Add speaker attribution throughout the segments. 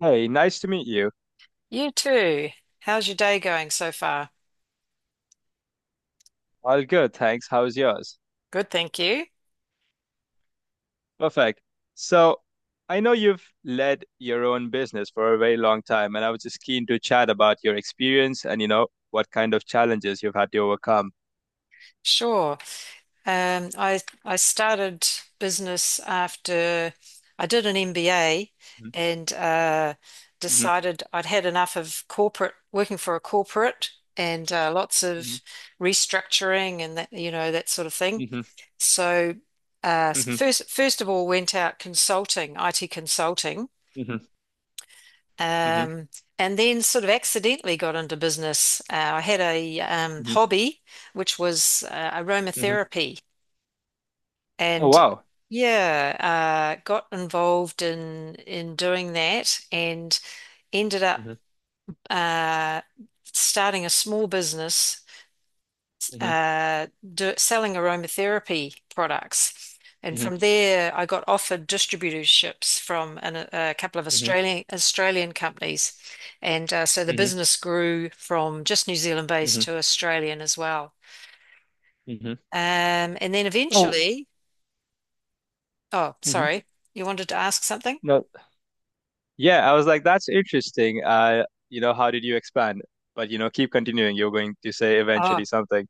Speaker 1: Hey, nice to meet you.
Speaker 2: You too. How's your day going so far?
Speaker 1: All good, thanks. How's yours?
Speaker 2: Good, thank you.
Speaker 1: Perfect. So, I know you've led your own business for a very long time, and I was just keen to chat about your experience and, you know, what kind of challenges you've had to overcome.
Speaker 2: Sure. I started business after I did an MBA and
Speaker 1: Mm-hmm.
Speaker 2: decided I'd had enough of corporate working for a corporate and lots of
Speaker 1: Hmm,
Speaker 2: restructuring and that that sort of thing.
Speaker 1: hmm,
Speaker 2: So uh,
Speaker 1: hmm,
Speaker 2: first first of all went out consulting, IT consulting
Speaker 1: hmm, hmm,
Speaker 2: Um, and then sort of accidentally got into business. I had a
Speaker 1: hmm,
Speaker 2: hobby, which was
Speaker 1: hmm.
Speaker 2: aromatherapy,
Speaker 1: Oh,
Speaker 2: and
Speaker 1: wow.
Speaker 2: yeah, got involved in doing that, and ended up
Speaker 1: Hmm,
Speaker 2: uh, starting a small business
Speaker 1: hmm,
Speaker 2: uh, selling aromatherapy products. And from
Speaker 1: hmm,
Speaker 2: there, I got offered distributorships from a couple of
Speaker 1: hmm,
Speaker 2: Australian companies, and so the
Speaker 1: hmm,
Speaker 2: business grew from just New Zealand based
Speaker 1: hmm,
Speaker 2: to Australian as well.
Speaker 1: hmm.
Speaker 2: And then
Speaker 1: Oh,
Speaker 2: eventually, oh,
Speaker 1: hmm.
Speaker 2: sorry, you wanted to ask something?
Speaker 1: No, yeah, I was like, that's interesting. You know, how did you expand? But, you know, keep continuing. You're going to say
Speaker 2: Oh.
Speaker 1: eventually something.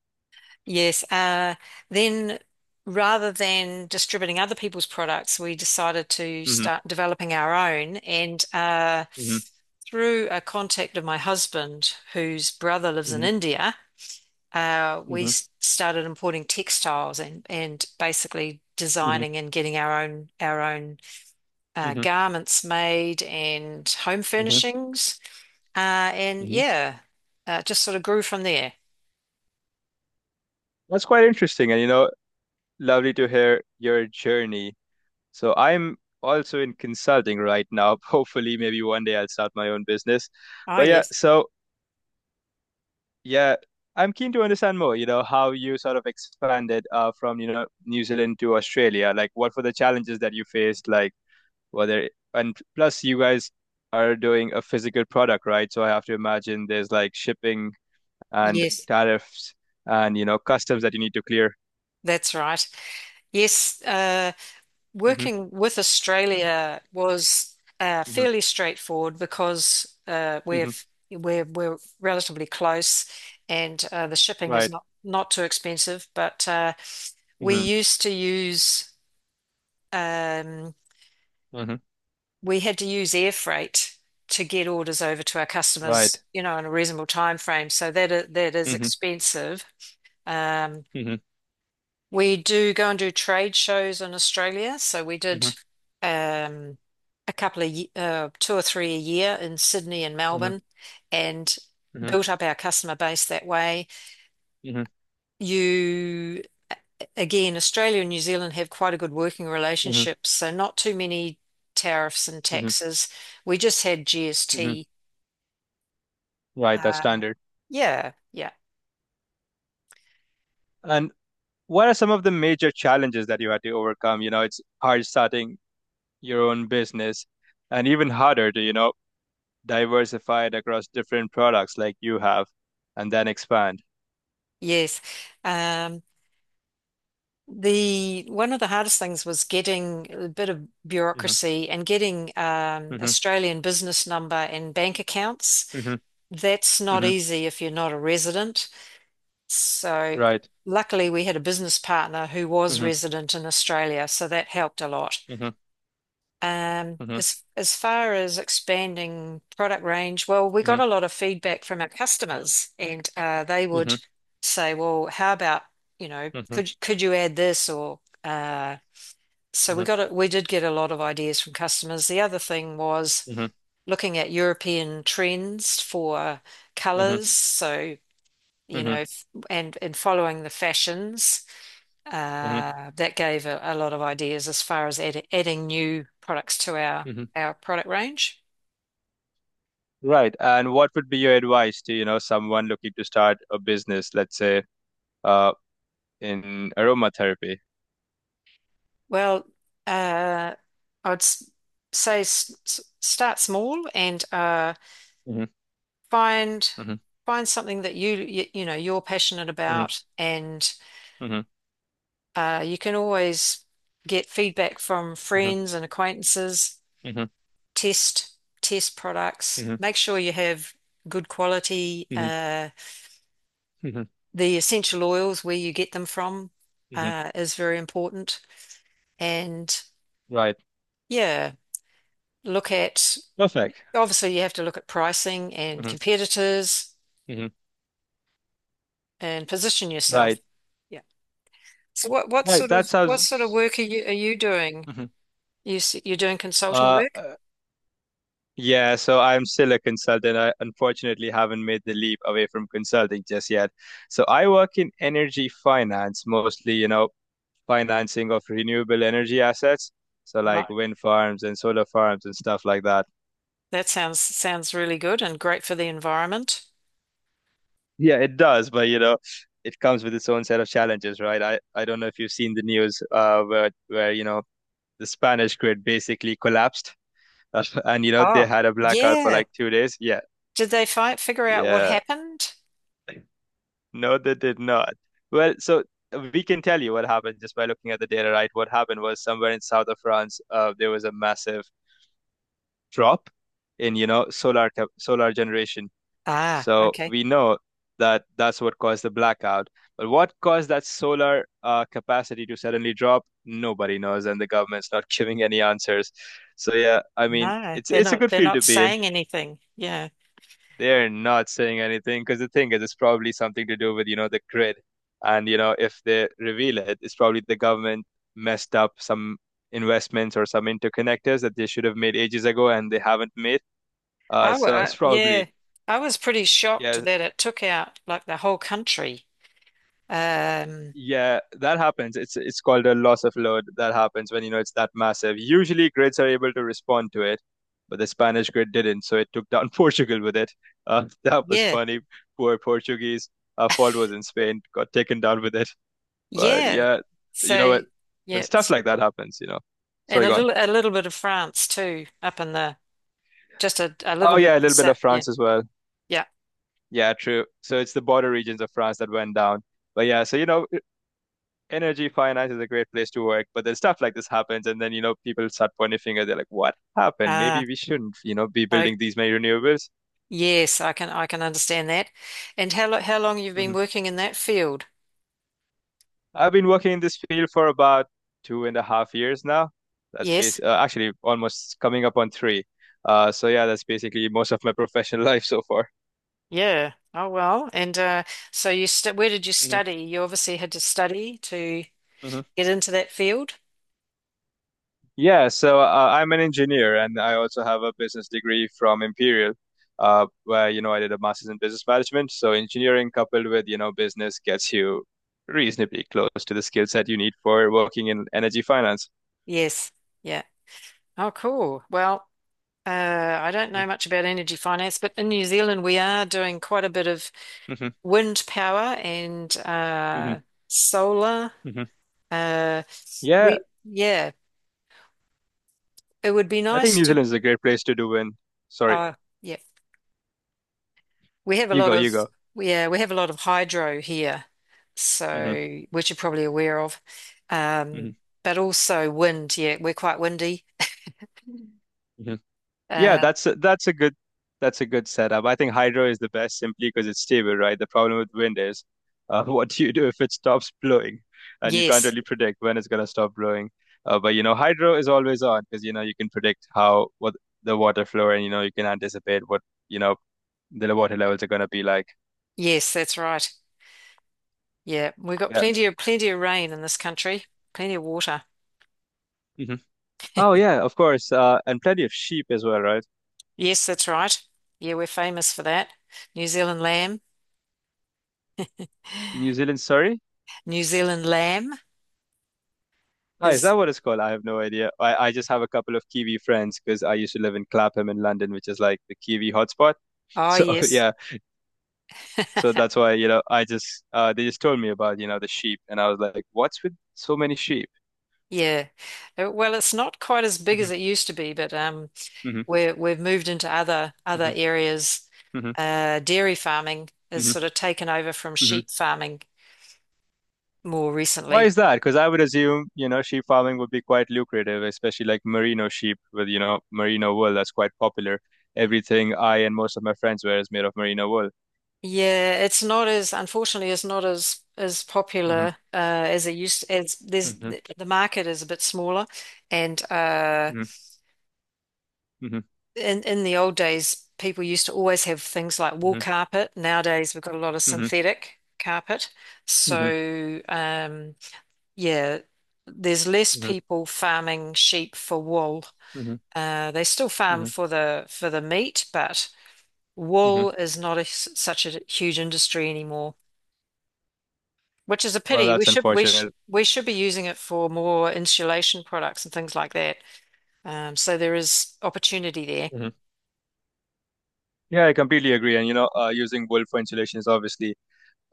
Speaker 2: Yes. Then rather than distributing other people's products, we decided to
Speaker 1: Hmm,
Speaker 2: start developing our own. And
Speaker 1: hmm,
Speaker 2: through a contact of my husband, whose brother lives in
Speaker 1: hmm,
Speaker 2: India,
Speaker 1: hmm,
Speaker 2: started importing textiles and basically
Speaker 1: hmm,
Speaker 2: designing and getting our own our own
Speaker 1: hmm,
Speaker 2: garments made and home
Speaker 1: hmm,
Speaker 2: furnishings. And
Speaker 1: hmm.
Speaker 2: yeah, just sort of grew from there.
Speaker 1: That's quite interesting, and you know, lovely to hear your journey. So I'm also in consulting right now. Hopefully, maybe one day I'll start my own business.
Speaker 2: Oh,
Speaker 1: But yeah,
Speaker 2: yes.
Speaker 1: so yeah, I'm keen to understand more, you know, how you sort of expanded from, you know, New Zealand to Australia. Like, what were the challenges that you faced? Like, whether, and plus, you guys are doing a physical product, right? So I have to imagine there's like shipping and
Speaker 2: Yes,
Speaker 1: tariffs and you know customs that you need to clear.
Speaker 2: that's right. Yes,
Speaker 1: Hmm,
Speaker 2: working with Australia was
Speaker 1: hmm,
Speaker 2: fairly straightforward because
Speaker 1: hmm.
Speaker 2: we're relatively close, and the shipping is
Speaker 1: Right.
Speaker 2: not too expensive. But we
Speaker 1: Hmm,
Speaker 2: used to use um,
Speaker 1: hmm.
Speaker 2: we had to use air freight to get orders over to our
Speaker 1: Right.
Speaker 2: customers, you know, in a reasonable time frame. So that is
Speaker 1: Hmm,
Speaker 2: expensive. Um,
Speaker 1: hmm,
Speaker 2: We do go and do trade shows in Australia. So we did
Speaker 1: hmm,
Speaker 2: um, a couple of, two or three a year in Sydney and
Speaker 1: hmm,
Speaker 2: Melbourne and
Speaker 1: hmm,
Speaker 2: built up our customer base that way.
Speaker 1: hmm,
Speaker 2: You, again, Australia and New Zealand have quite a good working
Speaker 1: hmm,
Speaker 2: relationship. So not too many tariffs and
Speaker 1: hmm,
Speaker 2: taxes. We just had
Speaker 1: hmm.
Speaker 2: GST.
Speaker 1: Right. That's
Speaker 2: Uh,
Speaker 1: standard.
Speaker 2: yeah, yeah,
Speaker 1: And what are some of the major challenges that you had to overcome? You know, it's hard starting your own business, and even harder to you know diversify it across different products like you have, and then expand.
Speaker 2: yes. Um, The one of the hardest things was getting a bit of
Speaker 1: Hmm,
Speaker 2: bureaucracy and getting
Speaker 1: hmm,
Speaker 2: Australian business number and bank accounts.
Speaker 1: hmm,
Speaker 2: That's not
Speaker 1: hmm.
Speaker 2: easy if you're not a resident. So
Speaker 1: Right.
Speaker 2: luckily we had a business partner who was
Speaker 1: Hmm,
Speaker 2: resident in Australia, so that helped a lot.
Speaker 1: hmm, hmm,
Speaker 2: As far as expanding product range, well, we got a lot of feedback from our customers, and they would
Speaker 1: hmm,
Speaker 2: say, "Well, how about you know,
Speaker 1: hmm,
Speaker 2: could you add this or?" So we
Speaker 1: hmm,
Speaker 2: got we did get a lot of ideas from customers. The other thing was
Speaker 1: hmm,
Speaker 2: looking at European trends for
Speaker 1: hmm,
Speaker 2: colors. So, you know,
Speaker 1: hmm,
Speaker 2: and following the fashions.
Speaker 1: hmm,
Speaker 2: That gave a lot of ideas as far as adding new products to
Speaker 1: hmm.
Speaker 2: our product range.
Speaker 1: Right. And what would be your advice to, you know, someone looking to start a business, let's say, uh, in aromatherapy?
Speaker 2: Well, uh, I'd s- say start small and
Speaker 1: Mm-hmm.
Speaker 2: find
Speaker 1: Hmm,
Speaker 2: find something that you know you're passionate
Speaker 1: hmm,
Speaker 2: about and
Speaker 1: hmm,
Speaker 2: You can always get feedback from
Speaker 1: hmm,
Speaker 2: friends and acquaintances,
Speaker 1: hmm,
Speaker 2: test test products,
Speaker 1: hmm,
Speaker 2: make sure you have good quality.
Speaker 1: hmm,
Speaker 2: The essential oils, where you get them from,
Speaker 1: hmm.
Speaker 2: is very important. And
Speaker 1: Right.
Speaker 2: yeah, look at
Speaker 1: Perfect.
Speaker 2: obviously you have to look at pricing and
Speaker 1: Hmm,
Speaker 2: competitors
Speaker 1: hmm.
Speaker 2: and position yourself.
Speaker 1: Right.
Speaker 2: Yeah. So
Speaker 1: Right. That
Speaker 2: what sort of
Speaker 1: sounds.
Speaker 2: work are you doing?
Speaker 1: Hmm.
Speaker 2: You're doing consulting
Speaker 1: Uh,
Speaker 2: work?
Speaker 1: uh, yeah. So I'm still a consultant. I unfortunately haven't made the leap away from consulting just yet. So I work in energy finance, mostly, you know, financing of renewable energy assets. So like
Speaker 2: Right.
Speaker 1: wind farms and solar farms and stuff like that.
Speaker 2: That sounds really good and great for the environment.
Speaker 1: Yeah, it does, but you know, it comes with its own set of challenges, right? I don't know if you've seen the news where you know the Spanish grid basically collapsed, and you know they
Speaker 2: Oh,
Speaker 1: had a blackout for
Speaker 2: yeah.
Speaker 1: like 2 days. Yeah,
Speaker 2: Did they find figure out what
Speaker 1: yeah,
Speaker 2: happened?
Speaker 1: no, they did not. Well, so we can tell you what happened just by looking at the data, right? What happened was somewhere in south of France, there was a massive drop in you know solar solar generation.
Speaker 2: Ah,
Speaker 1: So
Speaker 2: okay.
Speaker 1: we know that that's what caused the blackout. But what caused that solar capacity to suddenly drop? Nobody knows, and the government's not giving any answers. So yeah, I mean,
Speaker 2: No,
Speaker 1: it's it's a good
Speaker 2: they're
Speaker 1: field
Speaker 2: not
Speaker 1: to be in.
Speaker 2: saying anything. Yeah.
Speaker 1: They're not saying anything because the thing is, it's probably something to do with, you know, the grid. And, you know, if they reveal it, it's probably the government messed up some investments or some interconnectors that they should have made ages ago and they haven't made. Uh,
Speaker 2: I,
Speaker 1: so
Speaker 2: wa-
Speaker 1: it's
Speaker 2: yeah.
Speaker 1: probably,
Speaker 2: I was pretty shocked
Speaker 1: yeah,
Speaker 2: that it took out like the whole country. Um,
Speaker 1: Yeah, that happens. It's called a loss of load. That happens when you know it's that massive. Usually grids are able to respond to it, but the Spanish grid didn't, so it took down Portugal with it. That was
Speaker 2: yeah.
Speaker 1: funny. Poor Portuguese. Our fault was in Spain, got taken down with it. But
Speaker 2: Yeah.
Speaker 1: yeah,
Speaker 2: So
Speaker 1: you know what?
Speaker 2: yeah,
Speaker 1: When stuff like that happens, you know.
Speaker 2: and
Speaker 1: Sorry, go on.
Speaker 2: a little bit of France too up in the just a little
Speaker 1: Oh
Speaker 2: bit
Speaker 1: yeah,
Speaker 2: of
Speaker 1: a
Speaker 2: the
Speaker 1: little bit of
Speaker 2: set. Yeah.
Speaker 1: France as well.
Speaker 2: Yeah.
Speaker 1: Yeah, true. So it's the border regions of France that went down. But yeah, so you know, energy finance is a great place to work, but then stuff like this happens, and then you know people start pointing finger. They're like, "What happened?
Speaker 2: Ah,
Speaker 1: Maybe we shouldn't, you know, be building these many renewables."
Speaker 2: yes, I can understand that. And how long you've been
Speaker 1: Hmm.
Speaker 2: working in that field?
Speaker 1: I've been working in this field for about 2.5 years now. That's
Speaker 2: Yes.
Speaker 1: basically actually almost coming up on three. So yeah, that's basically most of my professional life so far.
Speaker 2: Yeah. Oh well. And so you st where did you
Speaker 1: Hmm,
Speaker 2: study? You obviously had to study to
Speaker 1: hmm.
Speaker 2: get into that field.
Speaker 1: Yeah, so I'm an engineer and I also have a business degree from Imperial, where, you know, I did a master's in business management. So engineering coupled with, you know, business gets you reasonably close to the skill set you need for working in energy finance.
Speaker 2: Yes. Yeah. Oh, cool. Well, uh, I don't know much about energy finance, but in New Zealand we are doing quite a bit of
Speaker 1: Mm-hmm.
Speaker 2: wind power and
Speaker 1: Hmm,
Speaker 2: solar.
Speaker 1: hmm.
Speaker 2: Uh,
Speaker 1: Yeah,
Speaker 2: we Yeah, it would be
Speaker 1: I think
Speaker 2: nice
Speaker 1: New
Speaker 2: to.
Speaker 1: Zealand is a great place to do in. Sorry,
Speaker 2: Uh, yeah. We have a lot of
Speaker 1: you go.
Speaker 2: yeah, we have a lot of hydro here,
Speaker 1: Hmm,
Speaker 2: so which you're probably aware of. Um,
Speaker 1: hmm.
Speaker 2: but also wind, yeah, we're quite windy.
Speaker 1: Yeah,
Speaker 2: Uh,
Speaker 1: that's a good setup. I think hydro is the best simply because it's stable, right? The problem with wind is what do you do if it stops blowing, and you can't
Speaker 2: yes,
Speaker 1: really predict when it's gonna stop blowing. But you know, hydro is always on because you know you can predict how what the water flow and you know you can anticipate what you know the water levels are gonna be like.
Speaker 2: yes, that's right. Yeah, we've got
Speaker 1: Yeah.
Speaker 2: plenty of rain in this country, plenty of water.
Speaker 1: Hmm. Oh yeah, of course. And plenty of sheep as well, right?
Speaker 2: Yes, that's right. Yeah, we're famous for that. New Zealand lamb.
Speaker 1: New Zealand, Surrey.
Speaker 2: New Zealand lamb
Speaker 1: Oh, is that
Speaker 2: is
Speaker 1: what it's called? I have no idea. I just have a couple of Kiwi friends because I used to live in Clapham in London, which is like the Kiwi hotspot.
Speaker 2: oh
Speaker 1: So
Speaker 2: yes.
Speaker 1: yeah, so that's why, you know, I just they just told me about, you know, the sheep and I was like, what's with so many sheep?
Speaker 2: Yeah. Well, it's not quite as big as it
Speaker 1: Hmm,
Speaker 2: used to be, but
Speaker 1: hmm,
Speaker 2: we're, we've moved into
Speaker 1: hmm,
Speaker 2: other areas.
Speaker 1: hmm,
Speaker 2: Dairy farming has
Speaker 1: hmm,
Speaker 2: sort of taken over from
Speaker 1: hmm.
Speaker 2: sheep farming more
Speaker 1: Why
Speaker 2: recently.
Speaker 1: is that? Because I would assume, you know, sheep farming would be quite lucrative, especially like merino sheep with, you know, merino wool that's quite popular. Everything I and most of my friends wear is made of merino wool.
Speaker 2: Yeah, it's not as unfortunately it's not as as
Speaker 1: Hmm,
Speaker 2: popular as it used as there's
Speaker 1: hmm,
Speaker 2: the market is a bit smaller, and
Speaker 1: hmm, hmm,
Speaker 2: in the old days people used to always have things like wool carpet. Nowadays we've got a lot of
Speaker 1: hmm,
Speaker 2: synthetic carpet,
Speaker 1: hmm,
Speaker 2: so yeah, there's less
Speaker 1: hmm,
Speaker 2: people farming sheep for wool.
Speaker 1: hmm,
Speaker 2: They still farm
Speaker 1: hmm,
Speaker 2: for the meat, but
Speaker 1: hmm.
Speaker 2: wool is not such a huge industry anymore, which is a
Speaker 1: Well,
Speaker 2: pity.
Speaker 1: that's unfortunate.
Speaker 2: We should be using it for more insulation products and things like that. So there is opportunity there.
Speaker 1: Hmm. Yeah, I completely agree. And you know, using wool for insulation is obviously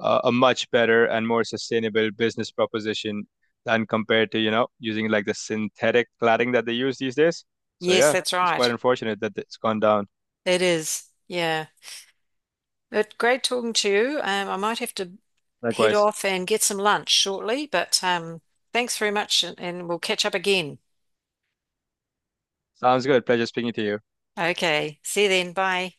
Speaker 1: a much better and more sustainable business proposition than compared to, you know, using like the synthetic cladding that they use these days. So
Speaker 2: Yes,
Speaker 1: yeah,
Speaker 2: that's
Speaker 1: it's quite
Speaker 2: right.
Speaker 1: unfortunate that it's gone down.
Speaker 2: It is. Yeah. But great talking to you. I might have to head
Speaker 1: Likewise.
Speaker 2: off and get some lunch shortly, but thanks very much, and we'll catch up again.
Speaker 1: Sounds good. Pleasure speaking to you.
Speaker 2: Okay. See you then. Bye.